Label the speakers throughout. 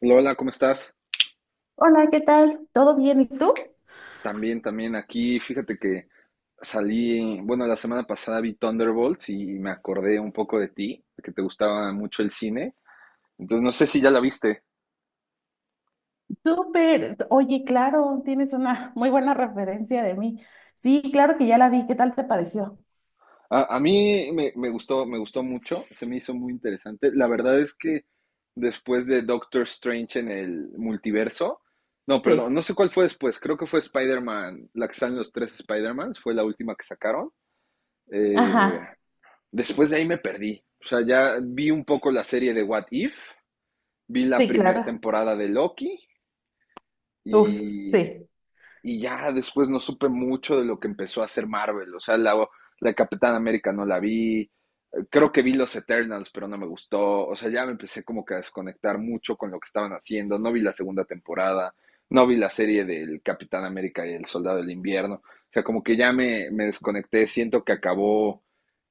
Speaker 1: Lola, ¿cómo estás?
Speaker 2: Hola, ¿qué tal? ¿Todo bien? ¿Y tú?
Speaker 1: También aquí, fíjate que salí, bueno, la semana pasada vi Thunderbolts y me acordé un poco de ti, de que te gustaba mucho el cine. Entonces, no sé si ya la viste.
Speaker 2: Súper. Oye, claro, tienes una muy buena referencia de mí. Sí, claro que ya la vi. ¿Qué tal te pareció?
Speaker 1: A mí me gustó mucho, se me hizo muy interesante. La verdad es que después de Doctor Strange en el multiverso, no,
Speaker 2: Sí.
Speaker 1: perdón, no sé cuál fue después, creo que fue Spider-Man, la que salen los tres Spider-Mans, fue la última que sacaron. Eh,
Speaker 2: Ajá,
Speaker 1: Después de ahí me perdí. O sea, ya vi un poco la serie de What If, vi la
Speaker 2: sí,
Speaker 1: primera
Speaker 2: claro.
Speaker 1: temporada de Loki
Speaker 2: Uf,
Speaker 1: y,
Speaker 2: sí,
Speaker 1: y ya después no supe mucho de lo que empezó a hacer Marvel. O sea, la Capitana América no la vi. Creo que vi los Eternals, pero no me gustó. O sea, ya me empecé como que a desconectar mucho con lo que estaban haciendo. No vi la segunda temporada, no vi la serie del Capitán América y el Soldado del Invierno. O sea, como que ya me desconecté. Siento que acabó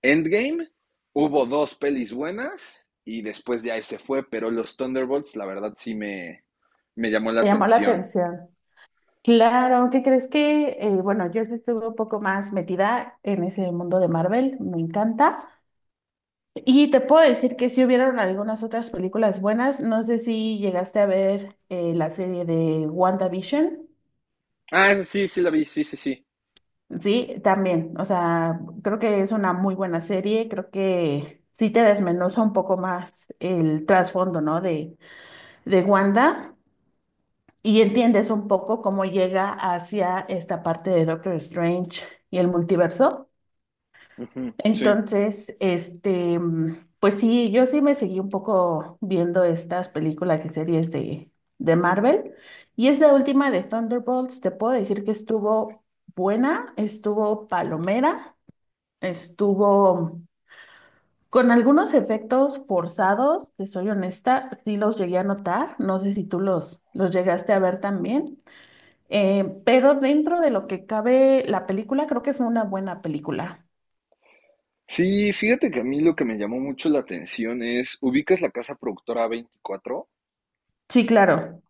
Speaker 1: Endgame. Hubo dos pelis buenas y después ya se fue, pero los Thunderbolts, la verdad, sí me llamó la
Speaker 2: me llamó la
Speaker 1: atención.
Speaker 2: atención. Claro, ¿qué crees que? Bueno, yo sí estuve un poco más metida en ese mundo de Marvel, me encanta. Y te puedo decir que sí hubieron algunas otras películas buenas. No sé si llegaste a ver la serie de WandaVision.
Speaker 1: Ah, esa sí, sí la vi, sí, sí, sí.
Speaker 2: Sí, también. O sea, creo que es una muy buena serie. Creo que sí te desmenuza un poco más el trasfondo, ¿no? De Wanda y entiendes un poco cómo llega hacia esta parte de Doctor Strange y el multiverso.
Speaker 1: Ujú, sí.
Speaker 2: Entonces, pues sí, yo sí me seguí un poco viendo estas películas y series de Marvel. Y esta última de Thunderbolts, te puedo decir que estuvo buena, estuvo palomera. Estuvo con algunos efectos forzados, te soy honesta, sí los llegué a notar, no sé si tú los llegaste a ver también, pero dentro de lo que cabe la película, creo que fue una buena película.
Speaker 1: Sí, fíjate que a mí lo que me llamó mucho la atención es, ubicas la casa productora veinticuatro,
Speaker 2: Sí, claro,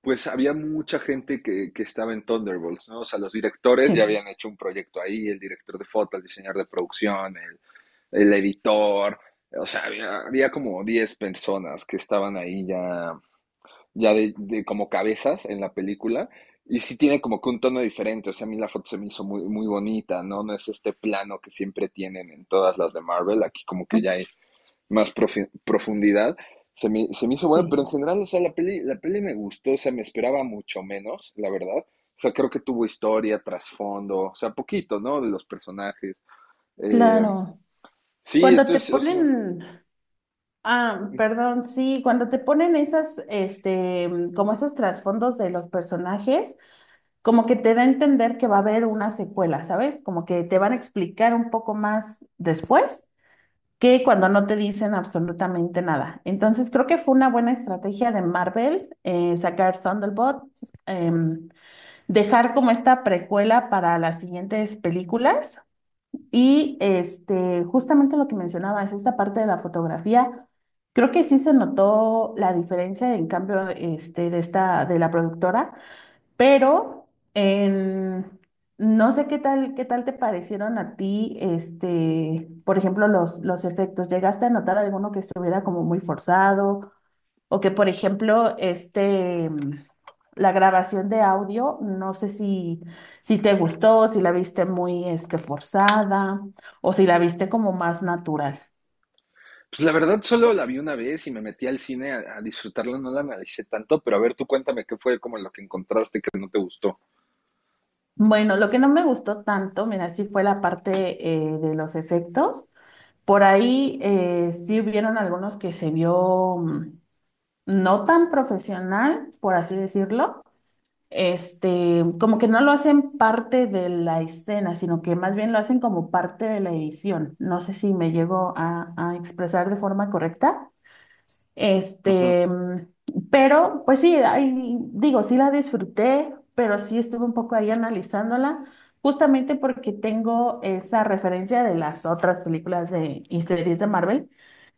Speaker 1: pues había mucha gente que estaba en Thunderbolts, ¿no? O sea, los directores ya
Speaker 2: sí,
Speaker 1: habían hecho un proyecto ahí, el director de foto, el diseñador de producción, el editor, o sea, había como 10 personas que estaban ahí ya, de como cabezas en la película. Y sí tiene como que un tono diferente, o sea, a mí la foto se me hizo muy, muy bonita, ¿no? No es este plano que siempre tienen en todas las de Marvel, aquí como que ya más profundidad. Se me hizo buena, pero en
Speaker 2: sí,
Speaker 1: general, o sea, la peli me gustó, o sea, me esperaba mucho menos, la verdad. O sea, creo que tuvo historia, trasfondo, o sea, poquito, ¿no? De los personajes. Eh,
Speaker 2: claro.
Speaker 1: sí,
Speaker 2: Cuando te
Speaker 1: entonces, o sea,
Speaker 2: ponen, ah, perdón, sí, cuando te ponen esas, como esos trasfondos de los personajes. Como que te da a entender que va a haber una secuela, ¿sabes? Como que te van a explicar un poco más después que cuando no te dicen absolutamente nada. Entonces creo que fue una buena estrategia de Marvel sacar Thunderbolt, em, dejar como esta precuela para las siguientes películas y este, justamente lo que mencionabas, esta parte de la fotografía. Creo que sí se notó la diferencia en cambio de la productora, pero en- no sé qué tal te parecieron a ti, este, por ejemplo, los efectos. ¿Llegaste a notar alguno que estuviera como muy forzado? O que, por ejemplo, la grabación de audio, no sé si te gustó, si la viste muy, este, forzada, o si la viste como más natural.
Speaker 1: pues la verdad solo la vi una vez y me metí al cine a disfrutarla, no la analicé tanto, pero a ver, tú cuéntame qué fue como lo que encontraste que no te gustó.
Speaker 2: Bueno, lo que no me gustó tanto, mira, sí fue la parte de los efectos. Por ahí sí hubieron algunos que se vio no tan profesional, por así decirlo. Este, como que no lo hacen parte de la escena, sino que más bien lo hacen como parte de la edición. No sé si me llego a expresar de forma correcta.
Speaker 1: Ujú.
Speaker 2: Este, mm, pero pues sí, ahí, digo, sí la disfruté, pero sí estuve un poco ahí analizándola, justamente porque tengo esa referencia de las otras películas y series de Marvel,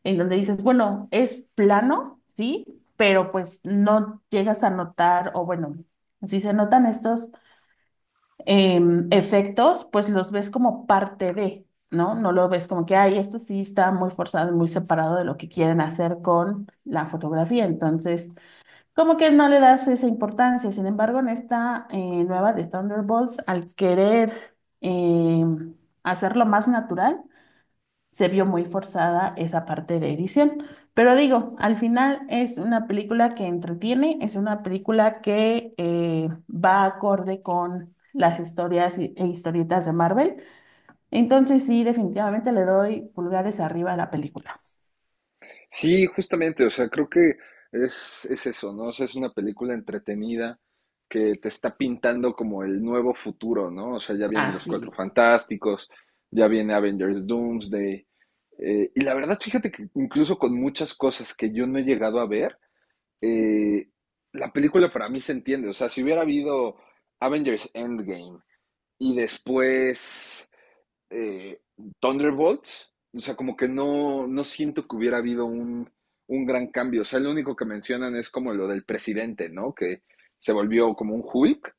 Speaker 2: en donde dices, bueno, es plano, sí, pero pues no llegas a notar, o bueno, sí se notan estos efectos, pues los ves como parte de, ¿no? No lo ves como que, ay, esto sí está muy forzado, muy separado de lo que quieren hacer con la fotografía. Entonces, como que no le das esa importancia. Sin embargo, en esta nueva de Thunderbolts, al querer hacerlo más natural, se vio muy forzada esa parte de edición. Pero digo, al final es una película que entretiene, es una película que va acorde con las historias e historietas de Marvel. Entonces sí, definitivamente le doy pulgares arriba a la película.
Speaker 1: Sí, justamente, o sea, creo que es eso, ¿no? O sea, es una película entretenida que te está pintando como el nuevo futuro, ¿no? O sea, ya vienen los Cuatro
Speaker 2: Así,
Speaker 1: Fantásticos, ya viene Avengers Doomsday. Y la verdad, fíjate que incluso con muchas cosas que yo no he llegado a ver, eh, la película para mí se entiende. O sea, si hubiera habido Avengers Endgame y después eh, Thunderbolts, o sea, como que no siento que hubiera habido un gran cambio. O sea, lo único que mencionan es como lo del presidente, ¿no? Que se volvió como un Hulk,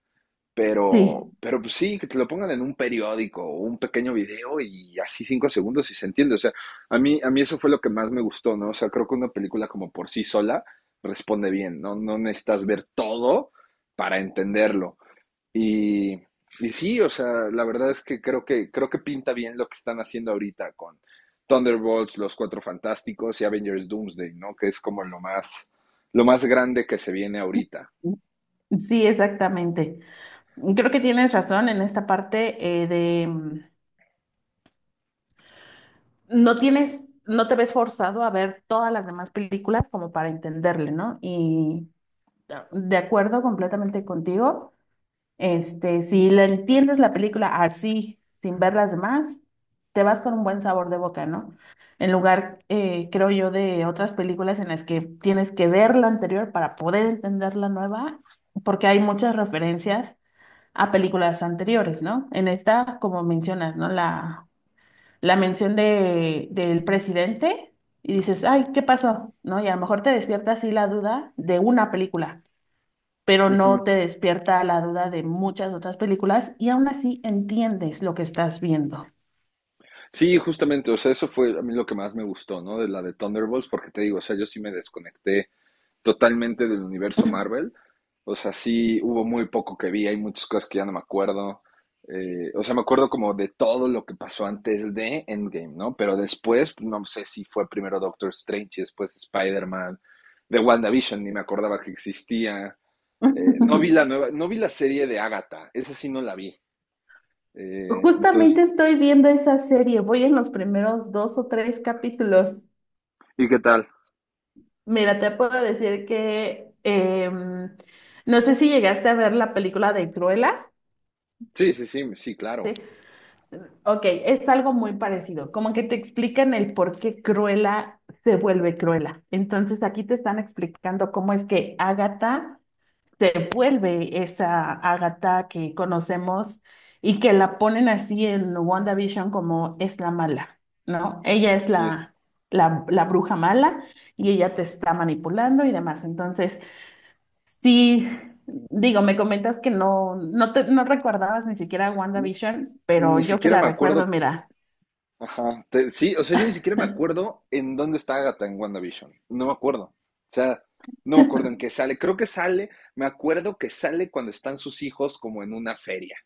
Speaker 1: pero,
Speaker 2: sí.
Speaker 1: pero pues sí, que te lo pongan en un periódico o un pequeño video y así 5 segundos y se entiende. O sea, a mí eso fue lo que más me gustó, ¿no? O sea, creo que una película como por sí sola responde bien, ¿no? No necesitas ver todo para entenderlo. Y sí, o sea, la verdad es que creo que pinta bien lo que están haciendo ahorita con Thunderbolts, Los Cuatro Fantásticos y Avengers Doomsday, ¿no? Que es como lo más grande que se viene ahorita.
Speaker 2: Sí, exactamente. Creo que tienes razón en esta parte no tienes, no te ves forzado a ver todas las demás películas como para entenderle, ¿no? Y de acuerdo completamente contigo. Este, si le entiendes la película así, sin ver las demás, te vas con un buen sabor de boca, ¿no? En lugar, creo yo, de otras películas en las que tienes que ver la anterior para poder entender la nueva, porque hay muchas referencias a películas anteriores, ¿no? En esta, como mencionas, ¿no? La mención del presidente y dices, ay, ¿qué pasó? ¿No? Y a lo mejor te despierta así la duda de una película, pero no
Speaker 1: Ujú.
Speaker 2: te despierta la duda de muchas otras películas y aún así entiendes lo que estás viendo.
Speaker 1: Sí, justamente, o sea, eso fue a mí lo que más me gustó, ¿no? De la de Thunderbolts, porque te digo, o sea, yo sí me desconecté totalmente del universo Marvel. O sea, sí hubo muy poco que vi, hay muchas cosas que ya no me acuerdo. O sea, me acuerdo como de todo lo que pasó antes de Endgame, ¿no? Pero después, no sé si fue primero Doctor Strange y después Spider-Man, de WandaVision, ni me acordaba que existía. No vi la nueva, no vi la serie de Agatha, esa sí no la vi. Entonces,
Speaker 2: Justamente estoy viendo esa serie, voy en los primeros dos o tres capítulos.
Speaker 1: ¿y qué tal?
Speaker 2: Mira, te puedo decir que no sé si llegaste a ver la película de Cruella.
Speaker 1: Sí, sí, sí, sí, claro.
Speaker 2: Ok, es algo muy parecido, como que te explican el por qué Cruella se vuelve Cruella. Entonces aquí te están explicando cómo es que Agatha se vuelve esa Agatha que conocemos y que la ponen así en WandaVision como es la mala, ¿no? Ella es
Speaker 1: Sí.
Speaker 2: la bruja mala y ella te está manipulando y demás. Entonces, sí, digo, me comentas que no, no recordabas ni siquiera WandaVision, pero
Speaker 1: Ni
Speaker 2: yo que
Speaker 1: siquiera
Speaker 2: la
Speaker 1: me
Speaker 2: recuerdo,
Speaker 1: acuerdo.
Speaker 2: mira,
Speaker 1: Ajá. Sí, o sea, yo ni siquiera me acuerdo en dónde está Agatha en WandaVision. No me acuerdo. O sea, no me acuerdo en qué sale. Creo que sale, me acuerdo que sale cuando están sus hijos como en una feria.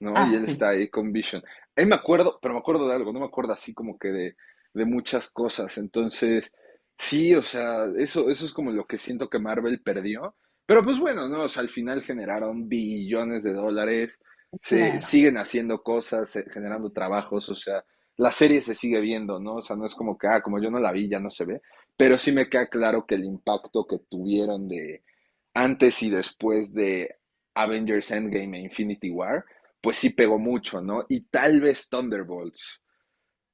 Speaker 1: ¿No? Y él
Speaker 2: así,
Speaker 1: está ahí con Vision. Ahí me acuerdo, pero me acuerdo de algo, no me acuerdo así como que de muchas cosas. Entonces, sí, o sea, eso es como lo que siento que Marvel perdió. Pero pues bueno, ¿no? O sea, al final generaron billones de dólares, se
Speaker 2: claro.
Speaker 1: siguen haciendo cosas, generando trabajos, o sea, la serie se sigue viendo, ¿no? O sea, no es como que, ah, como yo no la vi, ya no se ve. Pero sí me queda claro que el impacto que tuvieron de antes y después de Avengers Endgame e Infinity War, pues sí pegó mucho, ¿no? Y tal vez Thunderbolts,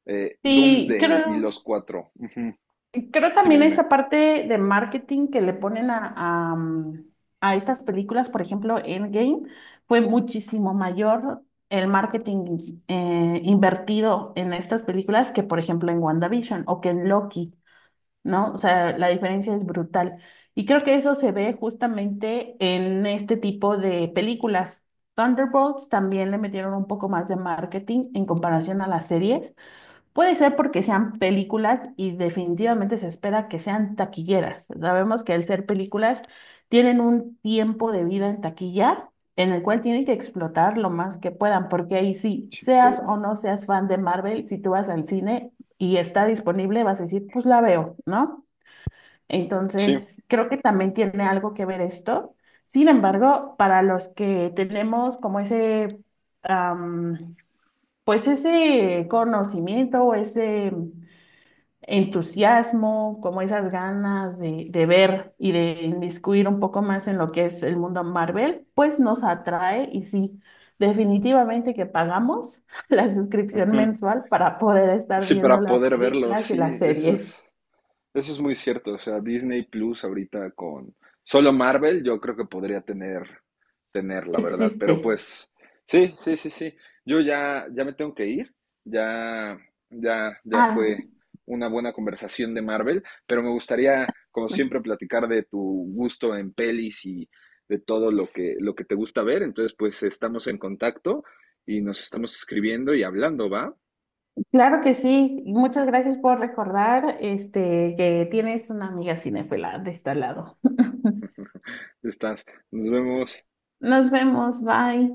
Speaker 2: Sí,
Speaker 1: Doomsday y
Speaker 2: creo.
Speaker 1: los cuatro. Uh -huh.
Speaker 2: Creo
Speaker 1: Dime,
Speaker 2: también
Speaker 1: dime.
Speaker 2: esa parte de marketing que le ponen a estas películas, por ejemplo, Endgame, fue muchísimo mayor el marketing invertido en estas películas que, por ejemplo, en WandaVision o que en Loki, ¿no? O sea, la diferencia es brutal. Y creo que eso se ve justamente en este tipo de películas. Thunderbolts también le metieron un poco más de marketing en comparación a las series. Puede ser porque sean películas y definitivamente se espera que sean taquilleras. Sabemos que al ser películas tienen un tiempo de vida en taquilla en el cual tienen que explotar lo más que puedan, porque ahí sí,
Speaker 1: Sí,
Speaker 2: seas o
Speaker 1: todo.
Speaker 2: no seas fan de Marvel, si tú vas al cine y está disponible, vas a decir, pues la veo, ¿no?
Speaker 1: Sí.
Speaker 2: Entonces, creo que también tiene algo que ver esto. Sin embargo, para los que tenemos como ese... am, pues ese conocimiento o ese entusiasmo, como esas ganas de ver y de inmiscuir un poco más en lo que es el mundo Marvel, pues nos atrae y sí, definitivamente que pagamos la
Speaker 1: Uh
Speaker 2: suscripción
Speaker 1: -huh.
Speaker 2: mensual para poder estar
Speaker 1: Sí,
Speaker 2: viendo
Speaker 1: para
Speaker 2: las
Speaker 1: poder verlo,
Speaker 2: películas y las
Speaker 1: sí, eso
Speaker 2: series.
Speaker 1: es. Eso es muy cierto, o sea, Disney Plus ahorita con solo Marvel, yo creo que podría tener, la verdad, pero
Speaker 2: Existe.
Speaker 1: pues, sí, sí, sí, sí, yo ya me tengo que ir, ya, ya
Speaker 2: Ah,
Speaker 1: fue una buena conversación de Marvel, pero me gustaría, como siempre, platicar de tu gusto en pelis y de todo lo que te gusta ver, entonces pues estamos en contacto y nos estamos escribiendo y hablando, ¿va?
Speaker 2: claro que sí. Muchas gracias por recordar este, que tienes una amiga cinéfila de este lado.
Speaker 1: Estás, nos vemos.
Speaker 2: Nos vemos, bye.